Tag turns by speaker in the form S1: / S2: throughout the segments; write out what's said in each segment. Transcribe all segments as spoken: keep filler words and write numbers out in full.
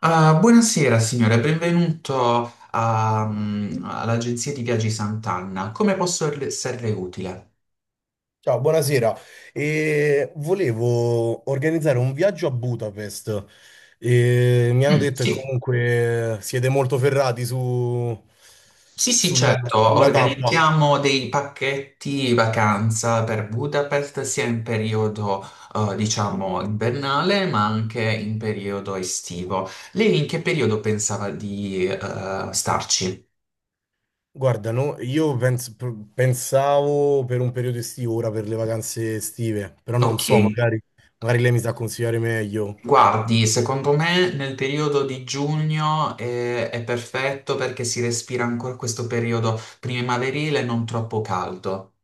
S1: Ah, buonasera signore, benvenuto a, mm, all'agenzia di viaggi Sant'Anna. Come posso le- esserle utile?
S2: Ciao, buonasera. E volevo organizzare un viaggio a Budapest. E mi hanno
S1: Mm,
S2: detto che
S1: sì,
S2: comunque siete molto ferrati su,
S1: sì, sì,
S2: sul-
S1: certo.
S2: sulla tappa.
S1: Organizziamo dei pacchetti vacanza per Budapest sia in periodo, eh, diciamo, invernale, ma anche in periodo estivo. Lei in che periodo pensava di, eh, starci?
S2: Guarda, no, io pens- p- pensavo per un periodo estivo, ora per le vacanze estive, però non
S1: Ok.
S2: so, magari, magari lei mi sa consigliare meglio.
S1: Guardi, secondo me nel periodo di giugno eh, è perfetto perché si respira ancora questo periodo primaverile non troppo caldo.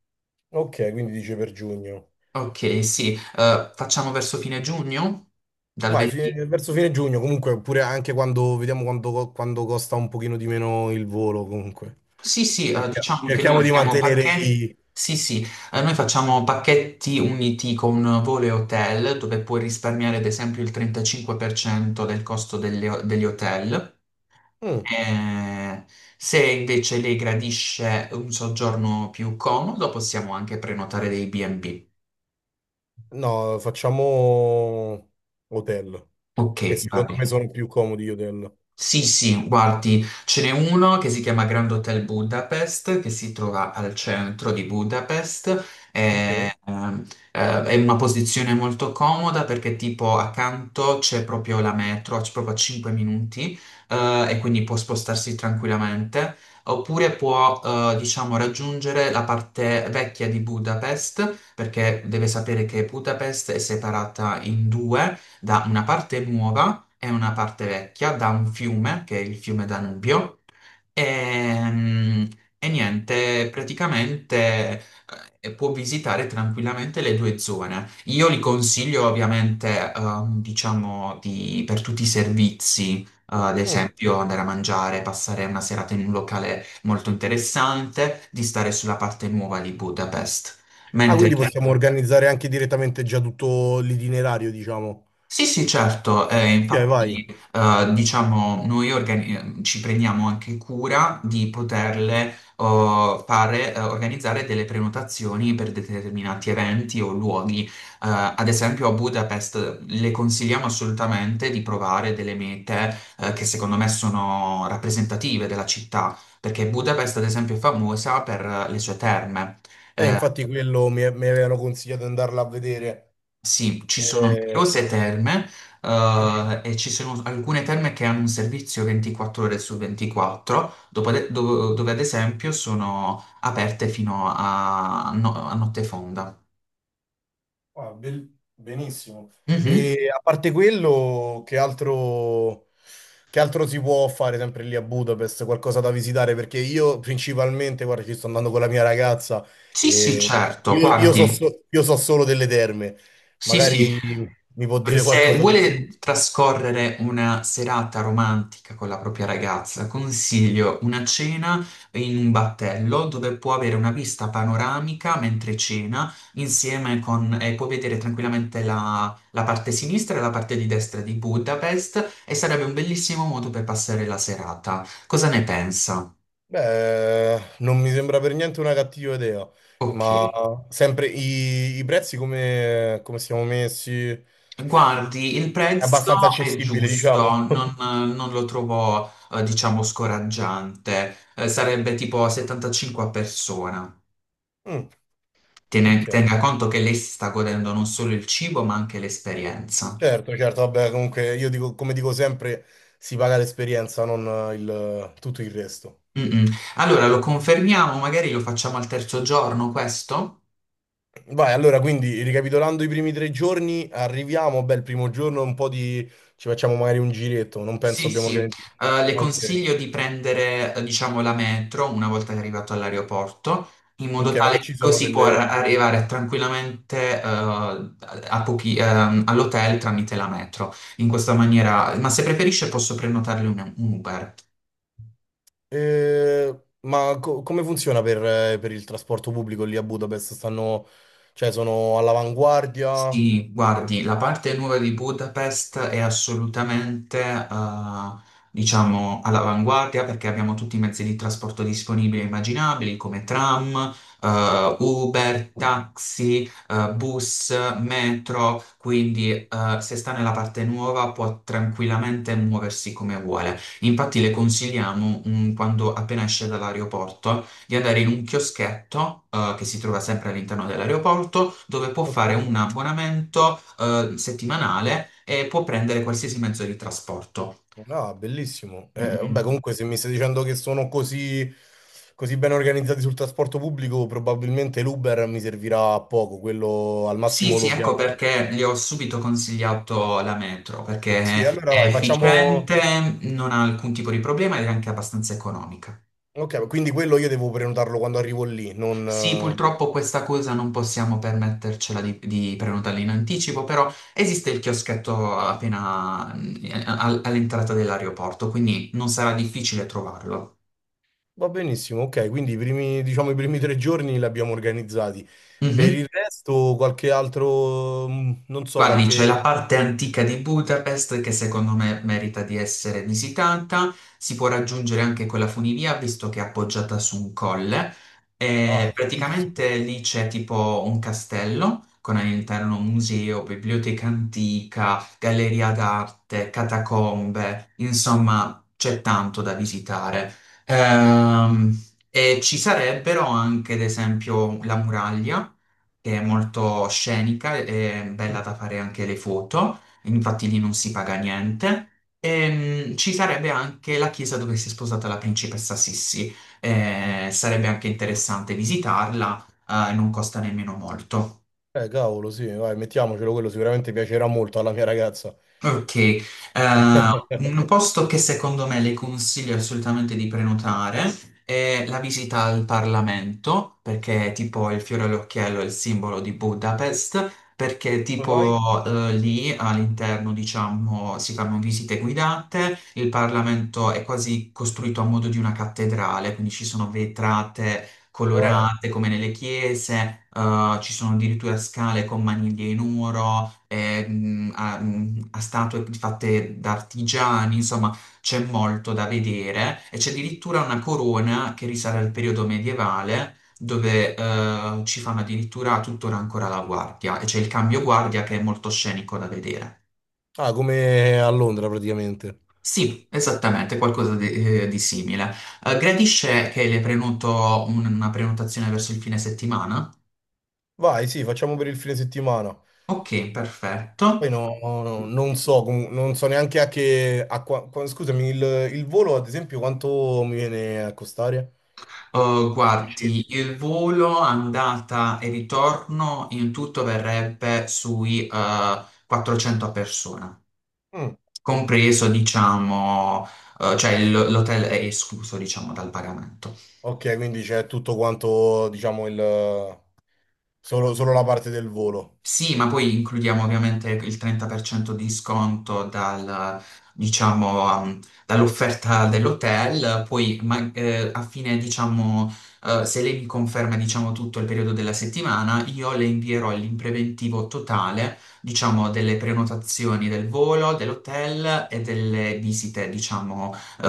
S2: Ok, quindi dice per giugno.
S1: Ok, sì, eh, facciamo verso fine giugno? Dal
S2: Vai,
S1: venti.
S2: fine- verso fine giugno, comunque, oppure anche quando vediamo quando, quando costa un pochino di meno il volo, comunque.
S1: Sì, sì, eh,
S2: Cerchia-
S1: diciamo che noi lo
S2: Cerchiamo di
S1: chiamiamo
S2: mantenere
S1: pacchetti.
S2: i...
S1: Sì, sì, eh, noi facciamo pacchetti uniti con volo e hotel dove puoi risparmiare ad esempio il trentacinque per cento del costo delle- degli hotel.
S2: Mm,
S1: Eh, se invece lei gradisce un soggiorno più comodo, possiamo anche prenotare dei bi e bi.
S2: no, facciamo hotel,
S1: Ok,
S2: che
S1: va
S2: secondo me
S1: bene.
S2: sono più comodi gli hotel.
S1: Sì, sì, guardi, ce n'è uno che si chiama Grand Hotel Budapest, che si trova al centro di Budapest,
S2: Ok.
S1: è, ehm, eh, è in una posizione molto comoda perché tipo accanto c'è proprio la metro, c'è proprio a cinque minuti, eh, e quindi può spostarsi tranquillamente, oppure può, eh, diciamo, raggiungere la parte vecchia di Budapest, perché deve sapere che Budapest è separata in due da una parte nuova è una parte vecchia da un fiume, che è il fiume Danubio, e, mm, e niente, praticamente eh, può visitare tranquillamente le due zone. Io li consiglio ovviamente, ehm, diciamo, di- per tutti i servizi, eh, ad
S2: Mm.
S1: esempio andare a mangiare, passare una serata in un locale molto interessante, di stare sulla parte nuova di Budapest.
S2: Ah,
S1: Mentre.
S2: quindi possiamo
S1: Mm.
S2: organizzare anche direttamente già tutto l'itinerario, diciamo.
S1: Sì, sì, certo, eh,
S2: Ok, vai.
S1: infatti eh, diciamo noi organi- ci prendiamo anche cura di poterle oh, fare, eh, organizzare delle prenotazioni per determinati eventi o luoghi. Eh, ad esempio a Budapest le consigliamo assolutamente di provare delle mete eh, che secondo me sono rappresentative della città, perché Budapest ad esempio è famosa per eh, le sue terme.
S2: Eh,
S1: Eh,
S2: infatti quello mi, mi avevano consigliato di andarla a vedere.
S1: Sì, ci sono
S2: Eh,
S1: numerose terme, eh, e ci sono alcune terme che hanno un servizio ventiquattro ore su ventiquattro, dopo ad- do- dove ad esempio sono aperte fino a, no- a notte fonda.
S2: Ah, bel- benissimo.
S1: Mhm.
S2: E a parte quello, che altro, che altro si può fare sempre lì a Budapest? Qualcosa da visitare? Perché io principalmente, guarda, ci sto andando con la mia ragazza
S1: Sì, sì,
S2: e
S1: certo. Ah,
S2: io, io so,
S1: guardi,
S2: so- io so solo delle terme.
S1: sì, sì.
S2: Magari mi può dire
S1: Se
S2: qualcosa di più.
S1: vuole trascorrere una serata romantica con la propria ragazza, consiglio una cena in un battello dove può avere una vista panoramica mentre cena, insieme con, e può vedere tranquillamente la, la parte sinistra e la parte di destra di Budapest e sarebbe un bellissimo modo per passare la serata. Cosa ne pensa?
S2: Beh, non mi sembra per niente una cattiva idea,
S1: Ok.
S2: ma sempre i, i prezzi come, come siamo messi? È
S1: Guardi, il prezzo
S2: abbastanza
S1: è
S2: accessibile,
S1: giusto,
S2: diciamo.
S1: non, non lo trovo, eh, diciamo, scoraggiante. Eh, sarebbe tipo settantacinque a persona.
S2: Mm,
S1: Tiene-
S2: ok.
S1: tenga conto che lei si sta godendo non solo il cibo, ma anche l'esperienza.
S2: Certo, certo, vabbè, comunque io dico, come dico sempre, si paga l'esperienza, non eh, il- tutto il resto.
S1: Mm, mm. Allora, lo confermiamo, magari lo facciamo al terzo giorno, questo?
S2: Vai, allora, quindi ricapitolando i primi tre giorni, arriviamo, beh, il primo giorno un po' di... ci facciamo magari un giretto, non penso
S1: Sì,
S2: abbiamo
S1: sì.
S2: organizzato...
S1: Eh, le
S2: Ok,
S1: consiglio di prendere, eh, diciamo, la metro una volta che è arrivato all'aeroporto, in modo
S2: ok, ma
S1: tale
S2: che
S1: che
S2: ci sono
S1: così può ar-
S2: delle...
S1: arrivare tranquillamente, eh, a pochi- ehm, all'hotel tramite la metro. In questa maniera, ma se preferisce posso prenotarle un, un Uber.
S2: Eh, ma co- come funziona per, eh, per il trasporto pubblico lì a Budapest? Stanno... cioè sono all'avanguardia?
S1: Sì, guardi, la parte nuova di Budapest è assolutamente, eh, diciamo, all'avanguardia perché abbiamo tutti i mezzi di trasporto disponibili e immaginabili, come tram, eh, Uber, taxi, eh, bus, metro, quindi, eh, se sta nella parte nuova può tranquillamente muoversi come vuole. Infatti le consigliamo, mm, quando appena esce dall'aeroporto di andare in un chioschetto eh, che si trova sempre all'interno dell'aeroporto, dove può
S2: Ok.
S1: fare un abbonamento eh, settimanale e può prendere qualsiasi mezzo di trasporto.
S2: No, bellissimo. Eh, vabbè,
S1: Mm.
S2: comunque se mi stai dicendo che sono così, così ben organizzati sul trasporto pubblico, probabilmente l'Uber mi servirà a poco, quello al
S1: Sì,
S2: massimo
S1: sì,
S2: lo
S1: ecco
S2: chiamo.
S1: perché gli ho subito consigliato la metro, perché
S2: Sì, allora
S1: è
S2: vai, facciamo...
S1: efficiente, non ha alcun tipo di problema ed è anche abbastanza economica.
S2: Ok, quindi quello io devo prenotarlo quando arrivo lì, non...
S1: Sì,
S2: eh,
S1: purtroppo questa cosa non possiamo permettercela di, di prenotarla in anticipo, però esiste il chioschetto appena mm, a- all'entrata dell'aeroporto, quindi non sarà difficile trovarlo.
S2: va benissimo. Ok, quindi i primi, diciamo, i primi tre giorni li abbiamo organizzati. Per
S1: Mhm.
S2: il resto qualche altro, mm, non so,
S1: Guardi, c'è
S2: qualche...
S1: la parte antica di Budapest che secondo me merita di essere visitata, si può raggiungere anche con la funivia visto che è appoggiata su un colle e
S2: Ah, fighissimo.
S1: praticamente lì c'è tipo un castello con all'interno un museo, biblioteca antica, galleria d'arte, catacombe, insomma c'è tanto da visitare. Ehm, e ci sarebbero anche ad esempio la muraglia che è molto scenica e bella
S2: Mm.
S1: da fare anche le foto, infatti lì non si paga niente. E, ci sarebbe anche la chiesa dove si è sposata la principessa Sissi. Eh, sarebbe anche interessante visitarla, eh, non costa nemmeno molto.
S2: Eh, cavolo, sì, vai, mettiamocelo, quello sicuramente piacerà molto alla mia ragazza.
S1: Ok, eh, un posto che secondo me le consiglio assolutamente di prenotare è la visita al Parlamento, perché è tipo il fiore all'occhiello è il simbolo di Budapest, perché
S2: Come mai?
S1: tipo eh, lì all'interno, diciamo, si fanno visite guidate, il Parlamento è quasi costruito a modo di una cattedrale, quindi ci sono vetrate
S2: Wow.
S1: colorate come nelle chiese, eh, ci sono addirittura scale con maniglie in oro, eh, mh, a, mh, a statue fatte da artigiani, insomma c'è molto da vedere e c'è addirittura una corona che risale al periodo medievale dove eh, ci fanno addirittura tuttora ancora la guardia e c'è il cambio guardia che è molto scenico da vedere.
S2: Ah, come a Londra praticamente.
S1: Sì, esattamente, qualcosa di, eh, di simile. Eh, gradisce che le prenoto un- una prenotazione verso il fine settimana?
S2: Vai, sì, facciamo per il fine settimana.
S1: Ok, perfetto.
S2: Poi no, no, non so, com- non so neanche a che... a qua- qua- scusami, il, il volo, ad esempio, quanto mi viene a costare?
S1: Oh, guardi, il volo andata e ritorno in tutto verrebbe sui eh, quattrocento a persona,
S2: Mm,
S1: compreso, diciamo, eh, cioè l- l'hotel è escluso, diciamo, dal pagamento.
S2: ok, quindi c'è tutto quanto, diciamo, il... Solo, solo la parte del volo.
S1: Sì, ma poi includiamo ovviamente il trenta per cento di sconto dal, diciamo, um, dall'offerta dell'hotel, poi ma- eh, a fine, diciamo, eh, se lei mi conferma, diciamo, tutto il periodo della settimana, io le invierò l'impreventivo totale, diciamo, delle prenotazioni del volo, dell'hotel e delle visite, diciamo, eh,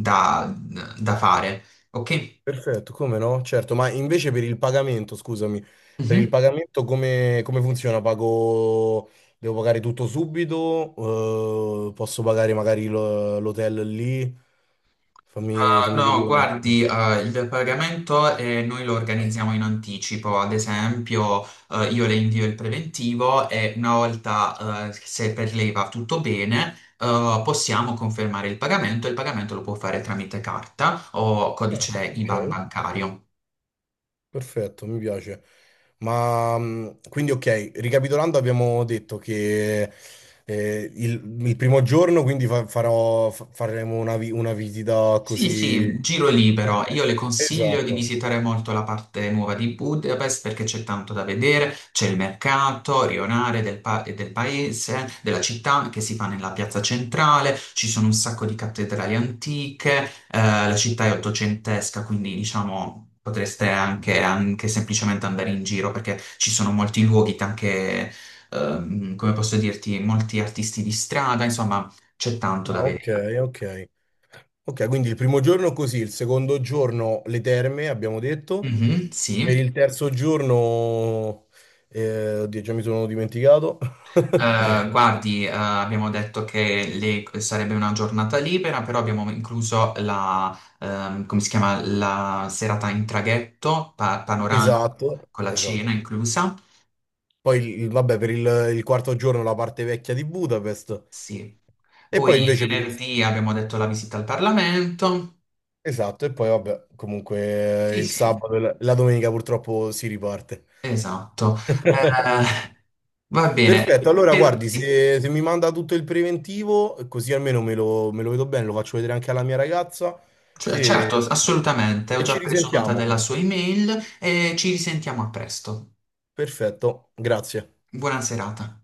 S1: da, da fare. Ok?
S2: Perfetto, come no? Certo, ma invece per il pagamento, scusami, per il
S1: Mhm.
S2: Mhm. pagamento come, come funziona? Pago, devo pagare tutto subito? Eh, posso pagare magari lo- l'hotel lì? Fammi,
S1: Ah,
S2: fammi
S1: no,
S2: capire un attimo.
S1: guardi, ah, il pagamento eh, noi lo organizziamo in anticipo, ad esempio eh, io le invio il preventivo e una volta eh, se per lei va tutto bene eh, possiamo confermare il pagamento e il pagamento lo può fare tramite carta o
S2: Ah,
S1: codice
S2: ok,
S1: IBAN bancario.
S2: perfetto, mi piace. Ma mh, quindi ok, ricapitolando abbiamo detto che eh, il, il primo giorno quindi fa- farò, fa- faremo una, vi- una visita
S1: Sì,
S2: così...
S1: sì, giro libero.
S2: Ok,
S1: Io le consiglio di
S2: esatto.
S1: visitare molto la parte nuova di Budapest perché c'è tanto da vedere, c'è il mercato rionale del, pa- del paese, della città che si fa nella piazza centrale, ci sono un sacco di cattedrali antiche, eh, la città è ottocentesca, quindi diciamo potreste anche, anche, semplicemente andare in giro perché ci sono molti luoghi, anche, ehm, come posso dirti, molti artisti di strada, insomma c'è tanto da
S2: Ah,
S1: vedere.
S2: ok, ok. Ok, quindi il primo giorno così, il secondo giorno le terme, abbiamo detto,
S1: Mhm,
S2: per
S1: sì.
S2: il terzo giorno, eh, oddio, già mi sono dimenticato.
S1: Eh, guardi, eh, abbiamo detto che le- sarebbe una giornata libera, però abbiamo incluso la, ehm, come si chiama, la serata in traghetto, pa- panoramico,
S2: Esatto,
S1: con la cena
S2: esatto.
S1: inclusa.
S2: Poi, il- il- vabbè, per il, il quarto giorno la parte vecchia di Budapest
S1: Sì.
S2: e poi
S1: Poi
S2: invece per il...
S1: venerdì abbiamo detto la visita al Parlamento.
S2: Esatto, e poi vabbè, comunque eh,
S1: Sì,
S2: il
S1: sì,
S2: sabato e la la domenica purtroppo si riparte.
S1: esatto. Eh, va bene.
S2: Perfetto, allora
S1: Per-
S2: guardi,
S1: sì,
S2: se, se mi manda tutto il preventivo, così almeno me lo, me lo vedo bene, lo faccio vedere anche alla mia ragazza
S1: cioè,
S2: e
S1: certo, assolutamente. Ho
S2: e
S1: già
S2: ci
S1: preso nota
S2: risentiamo.
S1: della sua email e ci risentiamo a presto.
S2: Perfetto, grazie.
S1: Buona serata.